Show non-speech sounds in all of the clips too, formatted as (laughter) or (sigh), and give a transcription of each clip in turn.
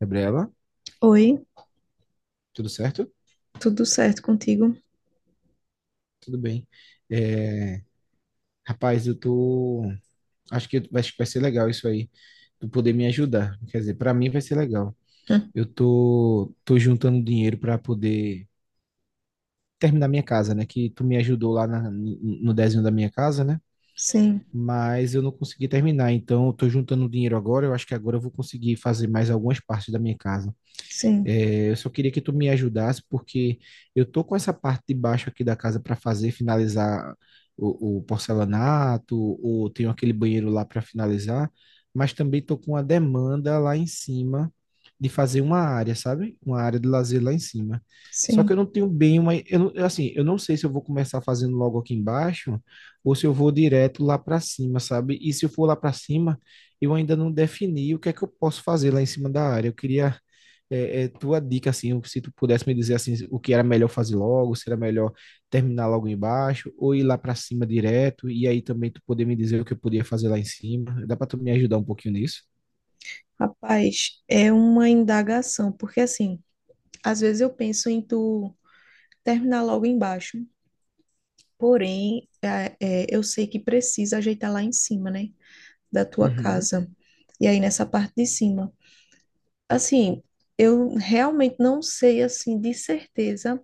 Gabriela, Oi, tudo certo? tudo certo contigo? Tudo bem. É, rapaz, eu tô. Acho que vai ser legal isso aí. Tu poder me ajudar. Quer dizer, pra mim vai ser legal. Hum, Tô juntando dinheiro pra poder terminar minha casa, né? Que tu me ajudou no desenho da minha casa, né? Sim, Mas eu não consegui terminar. Então, eu tô juntando dinheiro agora. Eu acho que agora eu vou conseguir fazer mais algumas partes da minha casa. sim, É, eu só queria que tu me ajudasse, porque eu tô com essa parte de baixo aqui da casa para fazer, finalizar o porcelanato, ou tenho aquele banheiro lá para finalizar, mas também tô com uma demanda lá em cima de fazer uma área, sabe? Uma área de lazer lá em cima. Só que eu sim. não tenho bem eu eu, assim, eu não sei se eu vou começar fazendo logo aqui embaixo ou se eu vou direto lá para cima, sabe? E se eu for lá para cima, eu ainda não defini o que é que eu posso fazer lá em cima da área. Eu queria tua dica, assim, se tu pudesse me dizer, assim, o que era melhor fazer logo, se era melhor terminar logo embaixo, ou ir lá para cima direto, e aí também tu poder me dizer o que eu podia fazer lá em cima. Dá para tu me ajudar um pouquinho nisso? Rapaz, é uma indagação, porque assim, às vezes eu penso em tu terminar logo embaixo, porém, eu sei que precisa ajeitar lá em cima, né, da tua Uhum, casa. E aí nessa parte de cima. Assim, eu realmente não sei, assim, de certeza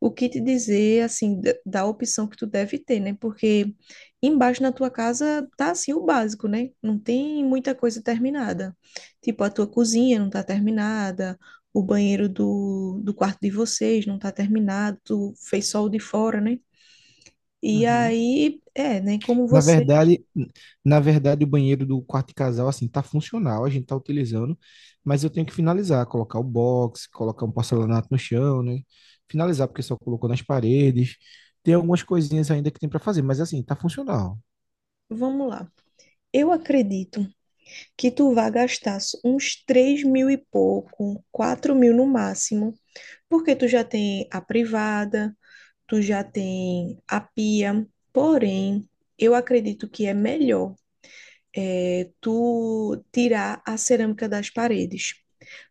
o que te dizer, assim, da opção que tu deve ter, né? Porque embaixo na tua casa tá, assim, o básico, né? Não tem muita coisa terminada. Tipo, a tua cozinha não tá terminada, o banheiro do quarto de vocês não tá terminado, tu fez só o de fora, né? E uhum. aí, é, né? Como Na você... verdade, na verdade, o banheiro do quarto de casal, assim, tá funcional, a gente tá utilizando, mas eu tenho que finalizar, colocar o box, colocar um porcelanato no chão, né? Finalizar, porque só colocou nas paredes. Tem algumas coisinhas ainda que tem para fazer, mas assim, tá funcional. Vamos lá. Eu acredito que tu vá gastar uns 3.000 e pouco, 4.000 no máximo, porque tu já tem a privada, tu já tem a pia. Porém, eu acredito que é melhor tu tirar a cerâmica das paredes,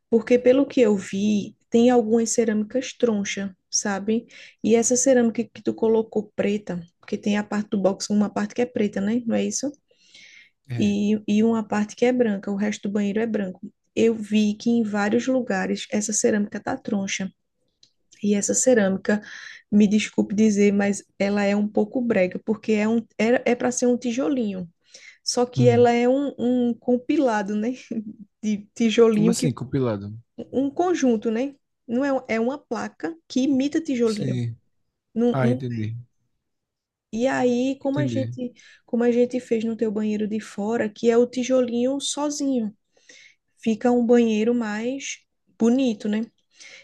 porque pelo que eu vi, tem algumas cerâmicas troncha, sabe? E essa cerâmica que tu colocou preta, porque tem a parte do box, uma parte que é preta, né? Não é isso? É. E uma parte que é branca, o resto do banheiro é branco. Eu vi que em vários lugares essa cerâmica tá troncha. E essa cerâmica, me desculpe dizer, mas ela é um pouco brega, porque é um, é para ser um tijolinho. Só que ela é um, um compilado, né? (laughs) De Como tijolinho assim, que compilado? um conjunto, né? Não é, é uma placa que imita tijolinho. Sim. Não- Ah, não- entendi. e aí, Entendi. Como a gente fez no teu banheiro de fora, que é o tijolinho sozinho. Fica um banheiro mais bonito, né?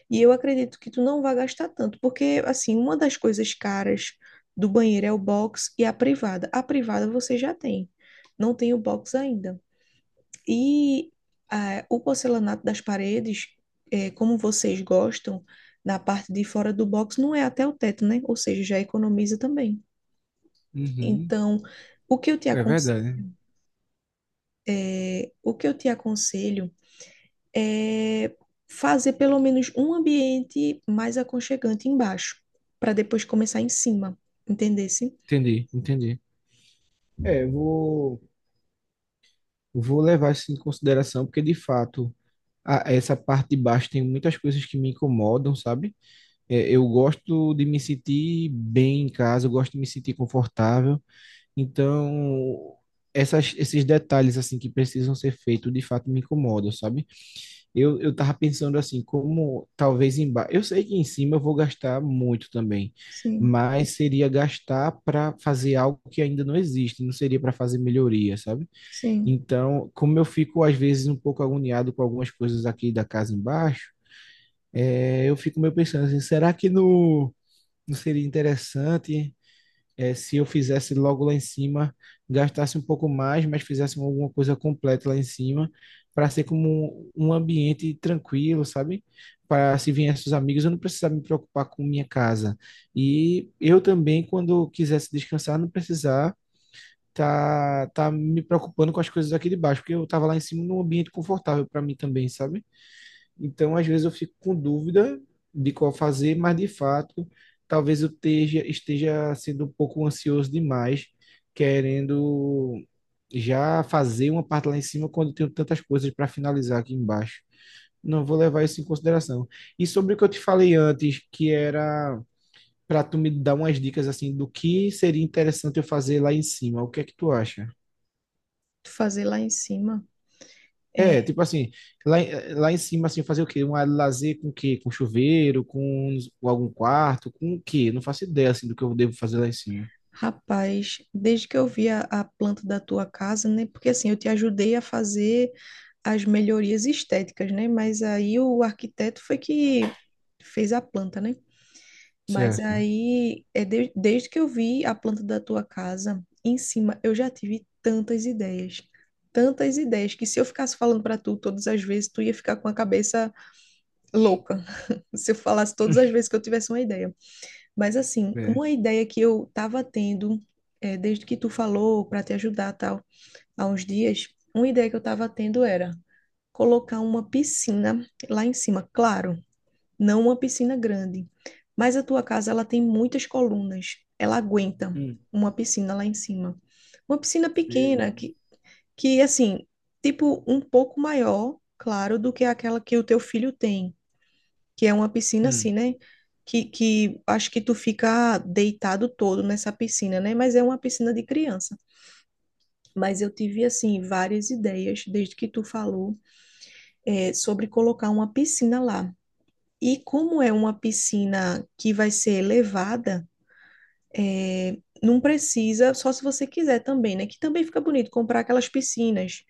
E eu acredito que tu não vai gastar tanto, porque assim, uma das coisas caras do banheiro é o box e a privada. A privada você já tem, não tem o box ainda. E ah, o porcelanato das paredes, como vocês gostam, na parte de fora do box não é até o teto, né? Ou seja, já economiza também. Uhum. Então, o que eu te É aconselho, verdade. o que eu te aconselho é, fazer pelo menos um ambiente mais aconchegante embaixo, para depois começar em cima, entendesse? Entendi, entendi. É, vou levar isso em consideração, porque de fato, essa parte de baixo tem muitas coisas que me incomodam, sabe? É, eu gosto de me sentir bem em casa, eu gosto de me sentir confortável. Então, esses detalhes assim que precisam ser feitos, de fato, me incomodam, sabe? Eu tava pensando assim, como talvez embaixo. Eu sei que em cima eu vou gastar muito também, Sim, mas seria gastar para fazer algo que ainda não existe, não seria para fazer melhoria, sabe? sim. Então, como eu fico às vezes um pouco agoniado com algumas coisas aqui da casa embaixo, é, eu fico meio pensando assim, será que no, não seria interessante? É, se eu fizesse logo lá em cima, gastasse um pouco mais, mas fizesse alguma coisa completa lá em cima, para ser como um ambiente tranquilo, sabe? Para se viessem os amigos, eu não precisava me preocupar com minha casa. E eu também, quando quisesse descansar, não precisar tá me preocupando com as coisas aqui de baixo, porque eu estava lá em cima num ambiente confortável para mim também, sabe? Então, às vezes eu fico com dúvida de qual fazer, mas de fato, talvez esteja sendo um pouco ansioso demais, querendo já fazer uma parte lá em cima quando eu tenho tantas coisas para finalizar aqui embaixo. Não vou levar isso em consideração. E sobre o que eu te falei antes, que era para tu me dar umas dicas assim do que seria interessante eu fazer lá em cima. O que é que tu acha? Fazer lá em cima. É, É, tipo assim, lá em cima, assim, fazer o quê? Um área de lazer com o quê? Com chuveiro, com algum quarto, com o quê? Não faço ideia, assim, do que eu devo fazer lá em cima. rapaz, desde que eu vi a planta da tua casa, né? Porque assim, eu te ajudei a fazer as melhorias estéticas, né? Mas aí o arquiteto foi que fez a planta, né? Mas Certo. aí, desde que eu vi a planta da tua casa em cima, eu já tive tantas ideias. Tantas ideias que se eu ficasse falando para tu todas as vezes, tu ia ficar com a cabeça louca. (laughs) Se eu falasse todas as (laughs) vezes que eu tivesse uma ideia. Mas assim, É. uma ideia que eu tava tendo, desde que tu falou para te ajudar tal, há uns dias, uma ideia que eu tava tendo era colocar uma piscina lá em cima. Claro, não uma piscina grande. Mas a tua casa ela tem muitas colunas, ela aguenta Hum, uma piscina lá em cima. Uma piscina sei pequena lá. que assim, tipo um pouco maior, claro, do que aquela que o teu filho tem, que é uma piscina assim, Hum, né? Que acho que tu fica deitado todo nessa piscina, né? Mas é uma piscina de criança. Mas eu tive, assim, várias ideias, desde que tu falou, sobre colocar uma piscina lá. E como é uma piscina que vai ser elevada, não precisa, só se você quiser também, né? Que também fica bonito comprar aquelas piscinas,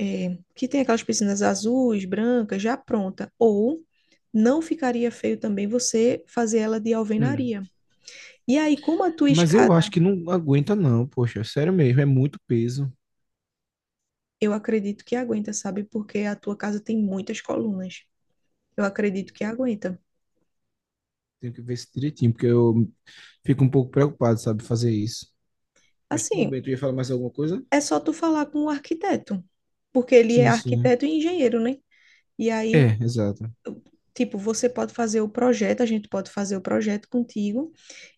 que tem aquelas piscinas azuis, brancas, já pronta. Ou não ficaria feio também você fazer ela de hum. alvenaria. E aí, como a tua Mas eu escada, acho que não aguenta, não, poxa, sério mesmo, é muito peso. eu acredito que aguenta, sabe? Porque a tua casa tem muitas colunas. Eu acredito que aguenta. Tenho que ver isso direitinho, porque eu fico um pouco preocupado, sabe, fazer isso. Mas tudo Assim, bem, tu ia falar mais alguma coisa? é só tu falar com o arquiteto, porque ele é Sim, sim. arquiteto e engenheiro, né? E aí É, exato. tipo, você pode fazer o projeto, a gente pode fazer o projeto contigo,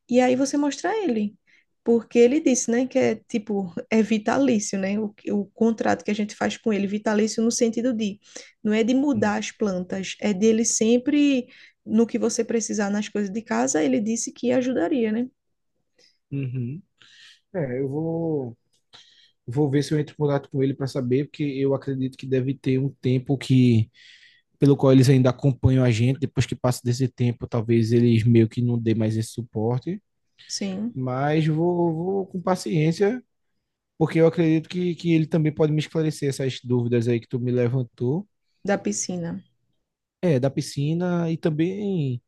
e aí você mostra ele. Porque ele disse, né, que é tipo, é vitalício, né? O contrato que a gente faz com ele, vitalício no sentido de, não é de Hum. mudar as plantas, é dele sempre, no que você precisar nas coisas de casa, ele disse que ajudaria, né? Uhum. É, eu vou. Vou ver se eu entro em contato com ele para saber, porque eu acredito que deve ter um tempo que pelo qual eles ainda acompanham a gente. Depois que passa desse tempo, talvez eles meio que não dê mais esse suporte. Sim, Mas vou com paciência, porque eu acredito que ele também pode me esclarecer essas dúvidas aí que tu me levantou. da piscina. É, da piscina e também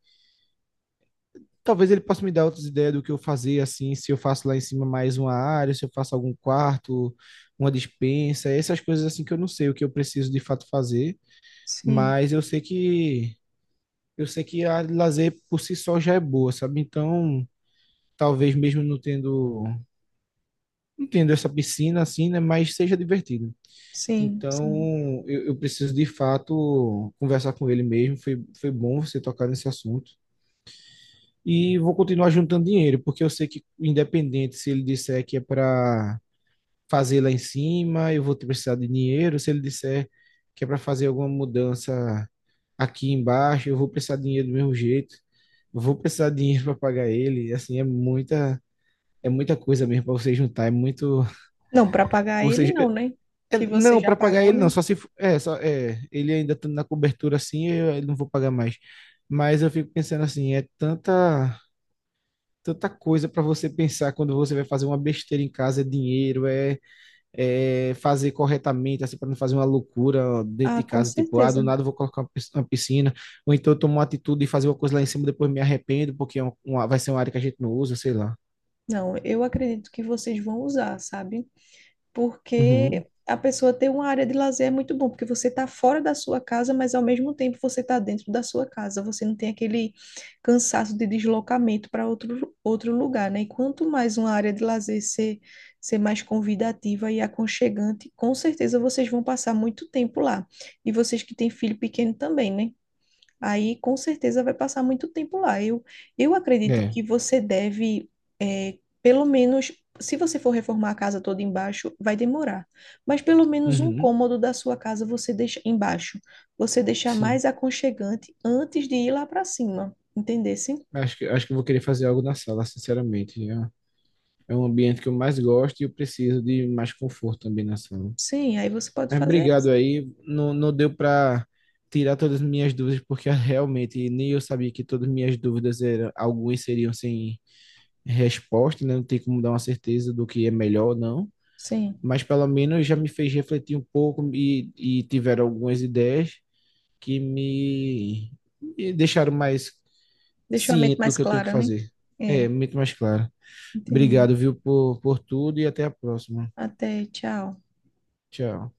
talvez ele possa me dar outras ideias do que eu fazer, assim, se eu faço lá em cima mais uma área, se eu faço algum quarto, uma despensa, essas coisas assim que eu não sei o que eu preciso de fato fazer. Sim, Mas eu sei que a lazer por si só já é boa, sabe? Então, talvez mesmo não tendo não tendo essa piscina assim, né, mas seja divertido. sim, Então, sim. Eu preciso de fato conversar com ele mesmo. Foi bom você tocar nesse assunto. E vou continuar juntando dinheiro, porque eu sei que, independente se ele disser que é para fazer lá em cima, eu vou ter precisar de dinheiro. Se ele disser que é para fazer alguma mudança aqui embaixo, eu vou precisar de dinheiro do mesmo jeito, eu vou precisar de dinheiro para pagar ele, assim, é muita coisa mesmo para você juntar, é muito, Não, para pagar ou ele seja, não, né? Que você não, já para pagar pagou, ele não, né? só se for- é, só é, ele ainda tá na cobertura assim, eu não vou pagar mais. Mas eu fico pensando assim, é tanta tanta coisa para você pensar quando você vai fazer uma besteira em casa, é dinheiro, é, fazer corretamente, assim, para não fazer uma loucura dentro Ah, de com casa, tipo, ah, do certeza. nada eu vou colocar uma uma piscina, ou então eu tomo uma atitude de fazer uma coisa lá em cima, depois me arrependo, porque é vai ser uma área que a gente não usa, sei lá. Não, eu acredito que vocês vão usar, sabe? Porque Uhum. a pessoa ter uma área de lazer é muito bom, porque você está fora da sua casa, mas ao mesmo tempo você está dentro da sua casa. Você não tem aquele cansaço de deslocamento para outro lugar, né? E quanto mais uma área de lazer ser mais convidativa e aconchegante, com certeza vocês vão passar muito tempo lá. E vocês que têm filho pequeno também, né? Aí com certeza vai passar muito tempo lá. Eu acredito É. que você deve, pelo menos, se você for reformar a casa toda embaixo, vai demorar. Mas pelo menos um Uhum. cômodo da sua casa você deixa embaixo. Você deixar Sim. mais aconchegante antes de ir lá para cima, entendesse? Acho que eu vou querer fazer algo na sala, sinceramente. É, é um ambiente que eu mais gosto e eu preciso de mais conforto também na sala. Sim, aí você pode Mas fazer obrigado isso. aí. Não, não deu para tirar todas as minhas dúvidas, porque (laughs) realmente nem eu sabia que todas as minhas dúvidas eram, algumas seriam sem resposta, né? Não tem como dar uma certeza do que é melhor ou não, Sim. mas pelo menos já me fez refletir um pouco e tiveram algumas ideias que me deixaram mais Deixou a mente ciente do mais que eu tenho que clara, né? fazer. É, É, muito mais claro. entendi. Obrigado, viu, por tudo e até a próxima. Até, tchau. Tchau.